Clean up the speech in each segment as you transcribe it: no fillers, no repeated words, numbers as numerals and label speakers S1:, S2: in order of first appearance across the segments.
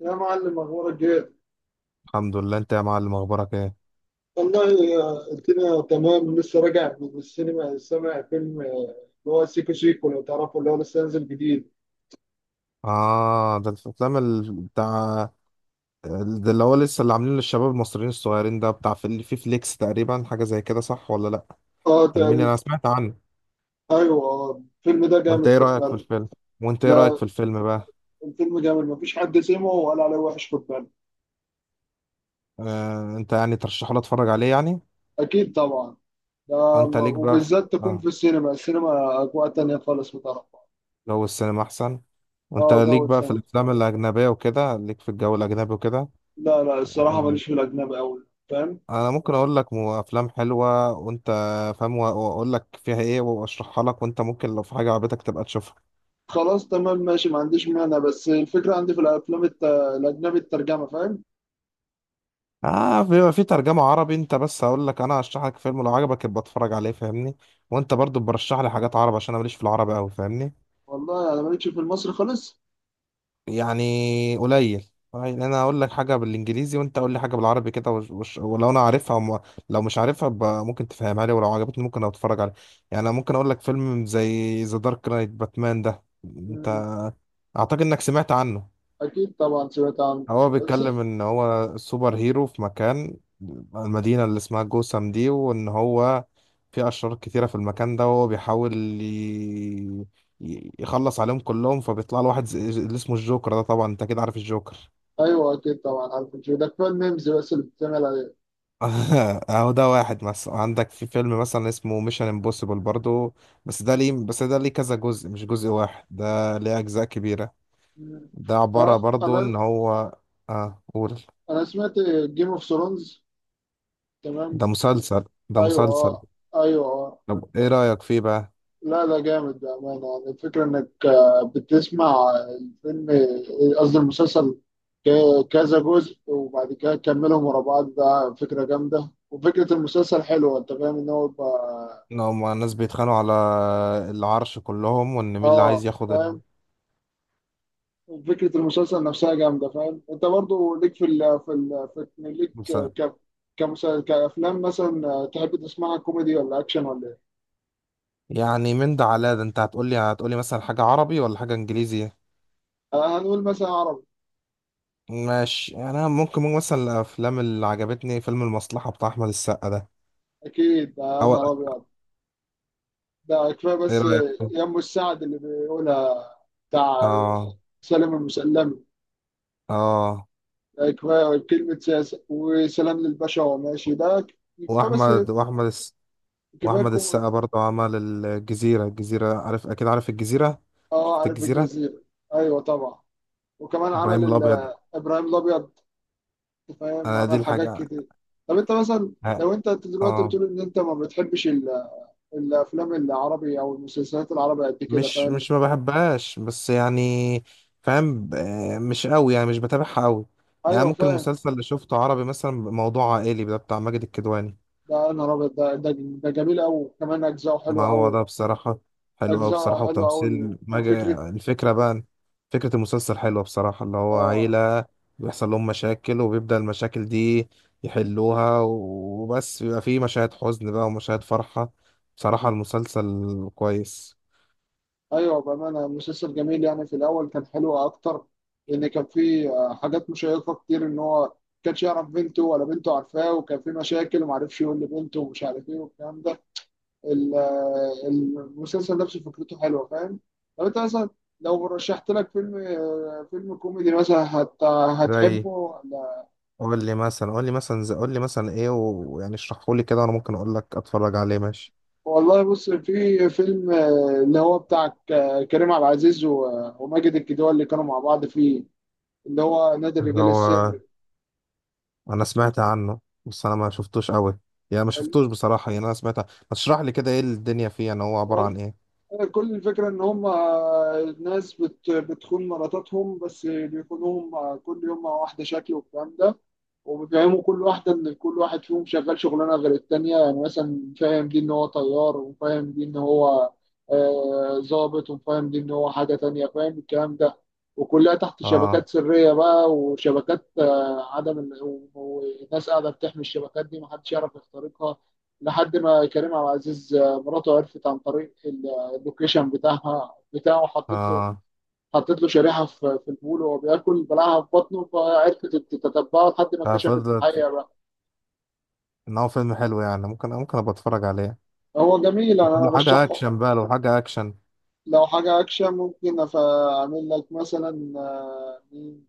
S1: يا معلم، اخبارك ايه؟
S2: الحمد لله. انت يا معلم اخبارك ايه؟
S1: والله الدنيا تمام. لسه راجع من السينما. سامع فيلم اللي هو سيكو سيكو؟ لو تعرفه، اللي هو لسه نازل جديد.
S2: اه، ده الافلام بتاع، ده اللي هو لسه اللي عاملينه للشباب المصريين الصغيرين، ده بتاع في فليكس تقريبا، حاجه زي كده صح ولا لا؟
S1: اه،
S2: كلميني،
S1: تقريبا.
S2: انا سمعت عنه.
S1: ايوه، الفيلم ده
S2: وانت
S1: جامد،
S2: ايه
S1: خد
S2: رايك في
S1: بالك.
S2: الفيلم؟ وانت ايه رايك
S1: لا،
S2: في الفيلم بقى؟
S1: الفيلم جامد، مفيش حد سمعه وقال عليه وحش، خد بالك.
S2: آه، انت يعني ترشحه لي اتفرج عليه يعني.
S1: اكيد طبعا. ده
S2: وانت ليك بقى في...
S1: وبالذات تكون في
S2: اه،
S1: السينما. السينما اجواء تانية خالص، بتعرفها.
S2: جو السينما احسن. وانت
S1: اه،
S2: ليك
S1: جو
S2: بقى في
S1: السينما.
S2: الافلام الاجنبيه وكده، ليك في الجو الاجنبي وكده.
S1: لا لا، الصراحة ماليش في الأجنبي أوي، فاهم.
S2: انا ممكن اقول لك افلام حلوه وانت فاهم، واقول لك فيها ايه واشرحها لك، وانت ممكن لو في حاجه عجبتك تبقى تشوفها.
S1: خلاص تمام ماشي، ما عنديش مانع، بس الفكرة عندي في الأفلام الأجنبي الترجمة، فاهم.
S2: اه، بيبقى في ترجمه عربي. انت بس هقول لك، انا هشرح لك فيلم لو عجبك يبقى اتفرج عليه فاهمني. وانت برضو برشح لي حاجات عربي عشان انا ماليش في العربي قوي فاهمني.
S1: والله أنا مالكش في المصري خالص.
S2: يعني قليل يعني، انا اقول لك حاجه بالانجليزي وانت قول لي حاجه بالعربي كده. ولو انا عارفها لو مش عارفها يبقى ممكن تفهمها لي، ولو عجبتني ممكن اتفرج عليه. يعني انا ممكن اقول لك فيلم زي ذا دارك نايت باتمان ده.
S1: مم.
S2: اعتقد انك سمعت عنه.
S1: أكيد طبعا، سمعت عنه.
S2: هو
S1: بس.
S2: بيتكلم ان هو سوبر هيرو في مكان، المدينة اللي اسمها جوثام دي، وان هو في اشرار كتيرة في المكان ده، وهو بيحاول ي... يخلص عليهم كلهم. فبيطلع له واحد اللي اسمه الجوكر ده. طبعا انت اكيد عارف الجوكر.
S1: أيوه، أكيد طبعا عارف إن ده كفاية الميمز بس اللي بتتعمل عليه.
S2: اهو ده واحد. مثلا عندك في فيلم مثلا اسمه ميشن امبوسيبل برضو. بس ده ليه كذا جزء مش جزء واحد، ده ليه اجزاء كبيرة.
S1: مم.
S2: ده عبارة
S1: أه
S2: برضو ان
S1: أنا
S2: هو، اه قول.
S1: أنا سمعت جيم أوف ثرونز، تمام.
S2: ده مسلسل، ده
S1: أيوه،
S2: مسلسل.
S1: أه. أيوه، أه.
S2: طب ايه رأيك فيه بقى؟
S1: لا، ده جامد بأمانة. يعني الفكرة إنك بتسمع الفيلم، قصدي المسلسل، كذا جزء وبعد كده تكملهم ورا بعض. ده فكرة جامدة، وفكرة المسلسل حلوة، أنت فاهم، إن هو يبقى...
S2: ان هما الناس بيتخانقوا على العرش كلهم، وان مين اللي عايز
S1: آه،
S2: ياخد
S1: فاهم. فكرة المسلسل نفسها جامدة، فاهم. أنت برضو ليك في ال في ال في ليك
S2: المسا-
S1: ك كمسلسل، كأفلام مثلا، تحب تسمعها كوميدي ولا أكشن ولا إيه؟
S2: يعني من ده على ده انت هتقولي مثلا حاجة عربي ولا حاجة انجليزي.
S1: هنقول مثلا عربي.
S2: ماشي، انا ممكن مثلا الافلام اللي عجبتني فيلم المصلحة بتاع احمد السقا ده.
S1: أكيد، يا
S2: او
S1: نهار أبيض. ده كفايه
S2: ايه
S1: بس.
S2: رأيك فيه؟
S1: يم السعد اللي بيقولها، بتاع
S2: اه،
S1: سلام المسلمي.
S2: اه،
S1: ده كفايه، كلمه سياسه وسلام للباشا وهو ماشي، ده كفايه بس،
S2: واحمد واحمد الس...
S1: كفايه
S2: واحمد
S1: الكوميدي.
S2: السقا برضه عمل الجزيرة. الجزيرة، عارف اكيد عارف الجزيرة؟
S1: اه،
S2: شفت
S1: عارف
S2: الجزيرة؟
S1: الجزيره. ايوه طبعا. وكمان عمل
S2: ابراهيم الابيض.
S1: ابراهيم الابيض، أنت فاهم،
S2: انا دي
S1: عمل حاجات
S2: الحاجة.
S1: كتير. طب انت مثلا، لو انت دلوقتي
S2: اه،
S1: بتقول ان انت ما بتحبش الافلام العربي او المسلسلات العربية قد كده،
S2: مش
S1: فاهم.
S2: مش ما بحبهاش بس يعني فاهم، مش قوي يعني مش بتابعها قوي. يعني
S1: ايوه،
S2: ممكن
S1: فاهم.
S2: المسلسل اللي شفته عربي مثلا موضوع عائلي، ده بتاع ماجد الكدواني.
S1: ده انا رابط، ده جميل قوي، كمان اجزاءه
S2: ما
S1: حلوه
S2: هو
S1: قوي.
S2: ده بصراحة حلو قوي
S1: أجزاء
S2: بصراحة،
S1: حلوة أوي،
S2: وتمثيل ماجد.
S1: وفكرة...
S2: الفكرة بقى، فكرة المسلسل حلوة بصراحة. اللي هو
S1: آه.
S2: عيلة بيحصل لهم مشاكل، وبيبدأ المشاكل دي يحلوها وبس. بيبقى فيه مشاهد حزن بقى ومشاهد فرحة. بصراحة المسلسل كويس.
S1: أيوة بأمانة، مسلسل جميل. يعني في الأول كان حلو أكتر، لأن كان فيه حاجات مشيقة كتير. إن هو كانش يعرف بنته، ولا بنته عارفاه، وكان فيه مشاكل ومعرفش يقول لبنته ومش عارف إيه والكلام ده. المسلسل نفسه فكرته حلوة، فاهم. طب أنت مثلا، لو رشحت لك فيلم فيلم كوميدي مثلا،
S2: زي،
S1: هتحبه؟
S2: قول لي مثلا ايه ويعني اشرحه لي كده، وانا ممكن اقول لك اتفرج عليه ماشي.
S1: والله بص، في فيلم اللي هو بتاع كريم عبد العزيز وماجد الكدواني، اللي كانوا مع بعض فيه، اللي هو نادي
S2: اللي
S1: الرجال
S2: هو،
S1: السري.
S2: انا سمعت عنه بس انا ما شفتوش قوي، يعني ما
S1: ال-
S2: شفتوش بصراحة. يعني انا سمعت عنه. ما تشرح لي كده ايه الدنيا فيه، يعني هو عبارة
S1: وال-
S2: عن ايه؟
S1: كل الفكرة إن هم ناس بتخون مراتاتهم، بس بيخونوهم كل يوم مع واحدة شكل والكلام ده. وبيفهموا كل واحدة إن كل واحد فيهم شغال شغلانة غير التانية. يعني مثلا فاهم دي إن هو طيار، وفاهم دي إن هو ضابط، وفاهم دي إن هو حاجة تانية، فاهم الكلام ده. وكلها تحت
S2: اه،
S1: شبكات سرية بقى، وشبكات عدم وناس قاعدة بتحمي الشبكات دي، محدش يعرف يخترقها، لحد ما كريم عبد العزيز مراته عرفت عن طريق اللوكيشن بتاعها بتاعه. حطت له،
S2: اه،
S1: حطيت له شريحه في البول، وهو بياكل بلعها في بطنه، فعرفت تتبعه لحد ما كشفت
S2: ففضلت
S1: الحقيقه بقى.
S2: ان هو فيلم حلو، يعني ممكن ابقى اتفرج عليه.
S1: هو جميل، أنا
S2: لو حاجة
S1: برشحه.
S2: اكشن بقى، لو حاجة اكشن.
S1: لو حاجه اكشن، ممكن اعمل لك مثلا، مين؟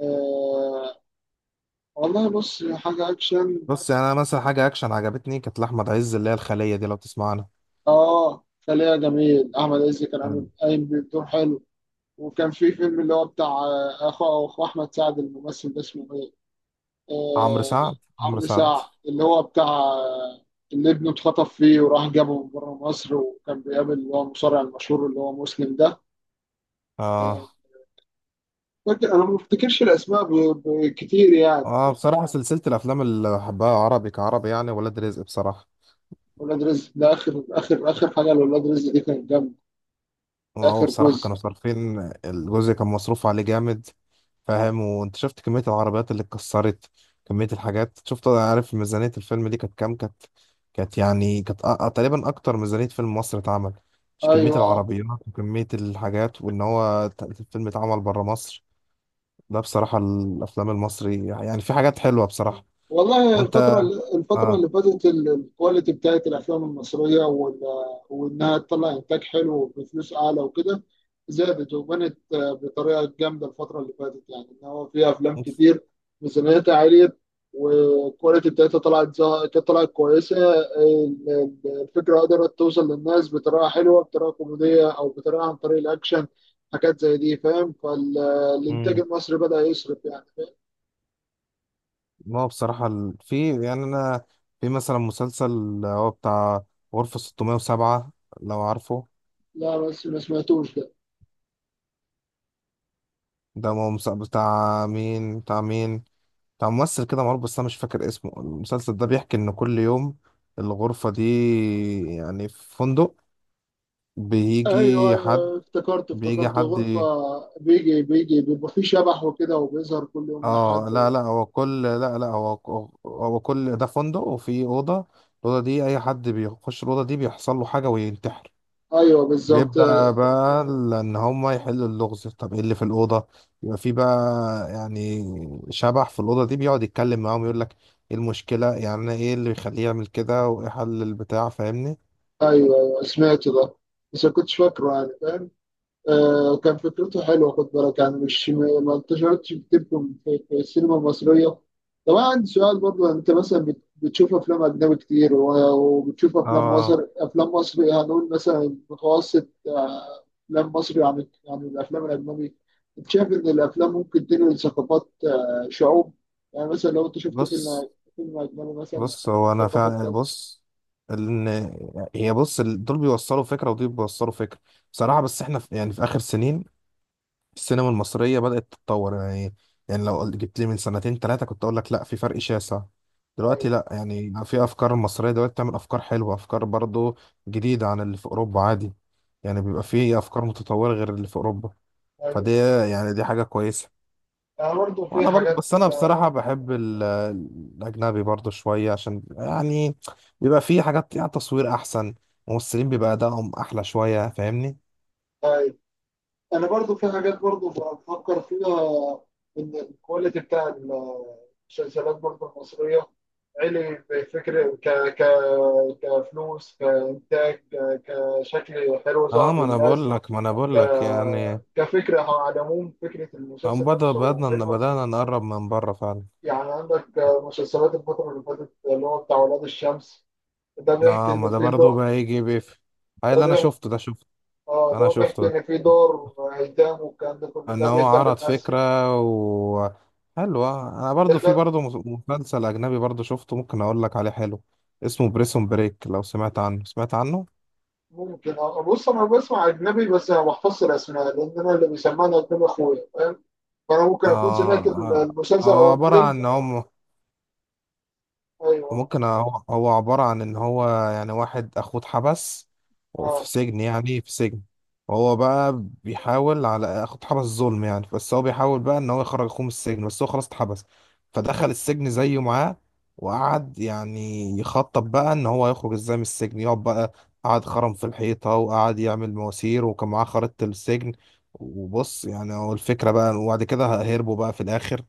S1: آه، والله بص، حاجه اكشن.
S2: بص، يعني انا مثلا حاجة اكشن عجبتني كانت لأحمد عز، اللي هي الخلية دي لو تسمع عنها.
S1: اه، خليها جميل. احمد عز كان عامل قايم بدور حلو. وكان في فيلم اللي هو بتاع اخو احمد سعد، الممثل ده اسمه ايه؟
S2: عمرو
S1: آه،
S2: سعد، عمرو
S1: عمرو
S2: سعد.
S1: سعد. اللي هو بتاع، اللي ابنه اتخطف فيه، وراح جابه من بره مصر، وكان بيقابل اللي هو المصارع المشهور اللي هو مسلم ده. آه،
S2: اه،
S1: فاكر، انا ما بفتكرش الاسماء كتير يعني.
S2: اه، بصراحة سلسلة الأفلام اللي بحبها عربي كعربي يعني ولاد رزق بصراحة.
S1: ولاد رزق، ده اخر اخر حاجه. لولاد رزق دي كانت جامده،
S2: وهو
S1: اخر
S2: بصراحة
S1: جزء.
S2: كانوا صارفين. الجزء كان مصروف عليه جامد. فاهم، وانت شفت كمية العربيات اللي اتكسرت، كمية الحاجات. شفت عارف ميزانية الفيلم دي كانت كام؟ كانت يعني كانت تقريبا أكتر ميزانية فيلم مصر اتعمل. مش كمية
S1: ايوه.
S2: العربيات وكمية الحاجات، وإن هو الفيلم اتعمل برا مصر. ده بصراحة الأفلام المصري يعني في حاجات حلوة بصراحة.
S1: والله، الفترة،
S2: وأنت.
S1: الفترة اللي فاتت الكواليتي بتاعت الأفلام المصرية وإنها تطلع إنتاج حلو بفلوس أعلى وكده، زادت وبنت بطريقة جامدة. الفترة اللي فاتت، يعني إن هو في أفلام كتير ميزانيتها عالية، والكواليتي بتاعتها طلعت طلعت كويسة. الفكرة قدرت توصل للناس بطريقة حلوة، بطريقة كوميدية أو بطريقة عن طريق الأكشن، حاجات زي دي، فاهم. فالإنتاج
S2: اه،
S1: المصري بدأ يصرف، يعني فاهم؟
S2: ما هو بصراحة في يعني أنا، في مثلا مسلسل هو بتاع غرفة 607 لو عارفه.
S1: لا، بس ما سمعتوش ده.
S2: ده هو بتاع مين؟ بتاع مين؟ بتاع ممثل كده معروف بس أنا مش فاكر اسمه. المسلسل ده بيحكي إن كل يوم الغرفة دي، يعني في فندق
S1: ايوه
S2: بيجي حد،
S1: ايوه، افتكرت
S2: بيجي
S1: افتكرت
S2: حد.
S1: غرفة. بيجي بيبقى فيه شبح وكده، وبيظهر كل يوم
S2: اه،
S1: لحد
S2: لا
S1: و...
S2: لا هو كل لا لا هو هو كل ده فندق وفي أوضة. الأوضة دي أي حد بيخش الأوضة دي بيحصل له حاجة وينتحر.
S1: ايوه بالظبط،
S2: بيبدأ
S1: ايوه.
S2: بقى ان هما يحلوا اللغز. طب ايه اللي في الأوضة؟ يبقى في بقى، يعني شبح في الأوضة دي. بيقعد يتكلم معاهم، يقول لك ايه المشكلة، يعني ايه اللي يخليه يعمل كده، وايه حل البتاع فاهمني؟
S1: ايوه، سمعت ده، بس ما كنتش فاكره، يعني فاهم. كان فكرته حلوه، خد بالك. يعني مش ما انتشرتش بتبكم في السينما المصريه. طب انا عندي سؤال برضه. انت مثلا بتشوف افلام اجنبي كتير وبتشوف افلام
S2: اه،
S1: مصر، افلام مصري، هنقول مثلا متوسط افلام مصري عن الافلام الاجنبي. انت شايف ان الافلام ممكن تنقل ثقافات شعوب؟ يعني مثلا لو انت شفت
S2: بص
S1: فيلم، فيلم اجنبي مثلا،
S2: بص هو انا
S1: ثقافه
S2: فا
S1: كذا.
S2: بص ان هي، بص دول بيوصلوا فكرة ودول بيوصلوا فكرة بصراحة. بس احنا في يعني في آخر سنين السينما المصرية بدأت تتطور يعني. يعني لو جبت لي من سنتين ثلاثة كنت أقول لك لا في فرق شاسع.
S1: ايوه.
S2: دلوقتي لا، يعني في أفكار مصرية دلوقتي بتعمل أفكار حلوة، أفكار برضو جديدة عن اللي في أوروبا عادي. يعني بيبقى في أفكار متطورة غير اللي في أوروبا.
S1: ايوه،
S2: فدي يعني دي حاجة كويسة.
S1: يعني برضه في
S2: وأنا برضو،
S1: حاجات.
S2: بس أنا بصراحة بحب الأجنبي برضو شوية عشان يعني بيبقى في حاجات، يعني تصوير أحسن، ممثلين بيبقى أدائهم أحلى شوية فاهمني؟
S1: آه، انا برضو في حاجات برضو بفكر فيها، ان الكواليتي بتاع المسلسلات برضو المصريه، علي بفكر ك ك كفلوس، كانتاج، كشكل حلو
S2: اه،
S1: ظهر
S2: ما انا بقول
S1: للناس،
S2: لك ما انا
S1: ك
S2: بقول لك يعني.
S1: كفكره. على العموم فكره
S2: هم
S1: المسلسل نفسه
S2: بدأنا إن
S1: حلوه.
S2: بدأنا نقرب من بره فعلا.
S1: يعني عندك مسلسلات الفتره اللي فاتت اللي هو بتاع ولاد الشمس، ده بيحكي
S2: لا، ما
S1: ان
S2: ده
S1: في
S2: برضه
S1: دور.
S2: بقى يجي بيف هاي.
S1: ده
S2: اللي أنا
S1: بيحكي،
S2: شفته ده شفته
S1: اه،
S2: أنا
S1: ده بيحكي
S2: شفته ده.
S1: ان في دور ايتام، والكلام ده كله
S2: إن
S1: ده
S2: هو
S1: بيخلي
S2: عرض
S1: الناس.
S2: فكرة و حلوة. أنا برضه في برضه مسلسل أجنبي برضه شفته، ممكن أقول لك عليه حلو. اسمه بريسون بريك. لو سمعت عنه، سمعت عنه؟
S1: ممكن. أه، بص، انا بسمع اجنبي بس ما بحفظش الاسماء، لان انا اللي بيسمعني اجنبي اخويا، فاهم. فانا ممكن اكون
S2: آه،
S1: سمعت
S2: آه،
S1: المسلسل
S2: هو
S1: او
S2: عبارة
S1: الفيلم.
S2: عن إن هم.
S1: ايوه.
S2: ممكن، هو عبارة عن إن هو يعني واحد أخوه اتحبس وفي
S1: اه.
S2: سجن يعني في سجن. وهو بقى بيحاول، على أخوه اتحبس ظلم يعني، بس هو بيحاول بقى إن هو يخرج أخوه من السجن. بس هو خلاص اتحبس فدخل السجن زيه معاه، وقعد يعني يخطط بقى إن هو يخرج إزاي من السجن. يقعد بقى، قعد خرم في الحيطة وقعد يعمل مواسير وكان معاه خريطة السجن. وبص يعني هو الفكرة بقى. وبعد كده هربوا بقى في الآخر.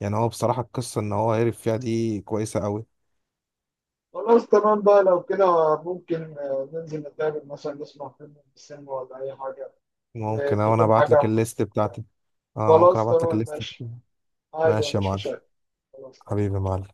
S2: يعني هو بصراحة القصة إن هو هرب فيها دي كويسة أوي.
S1: خلاص تمام بقى، لو كده ممكن ننزل نتقابل مثلا، نسمع فيلم في السينما ولا اي حاجه.
S2: ممكن، أه، وانا
S1: تكون
S2: ابعت لك
S1: حاجه.
S2: الليست بتاعتي. اه، ممكن
S1: خلاص
S2: ابعت لك
S1: تمام
S2: الليست
S1: ماشي،
S2: بتاعتي.
S1: عادي،
S2: ماشي يا
S1: مش
S2: معلم.
S1: مشاكل. خلاص تمام.
S2: حبيبي يا معلم.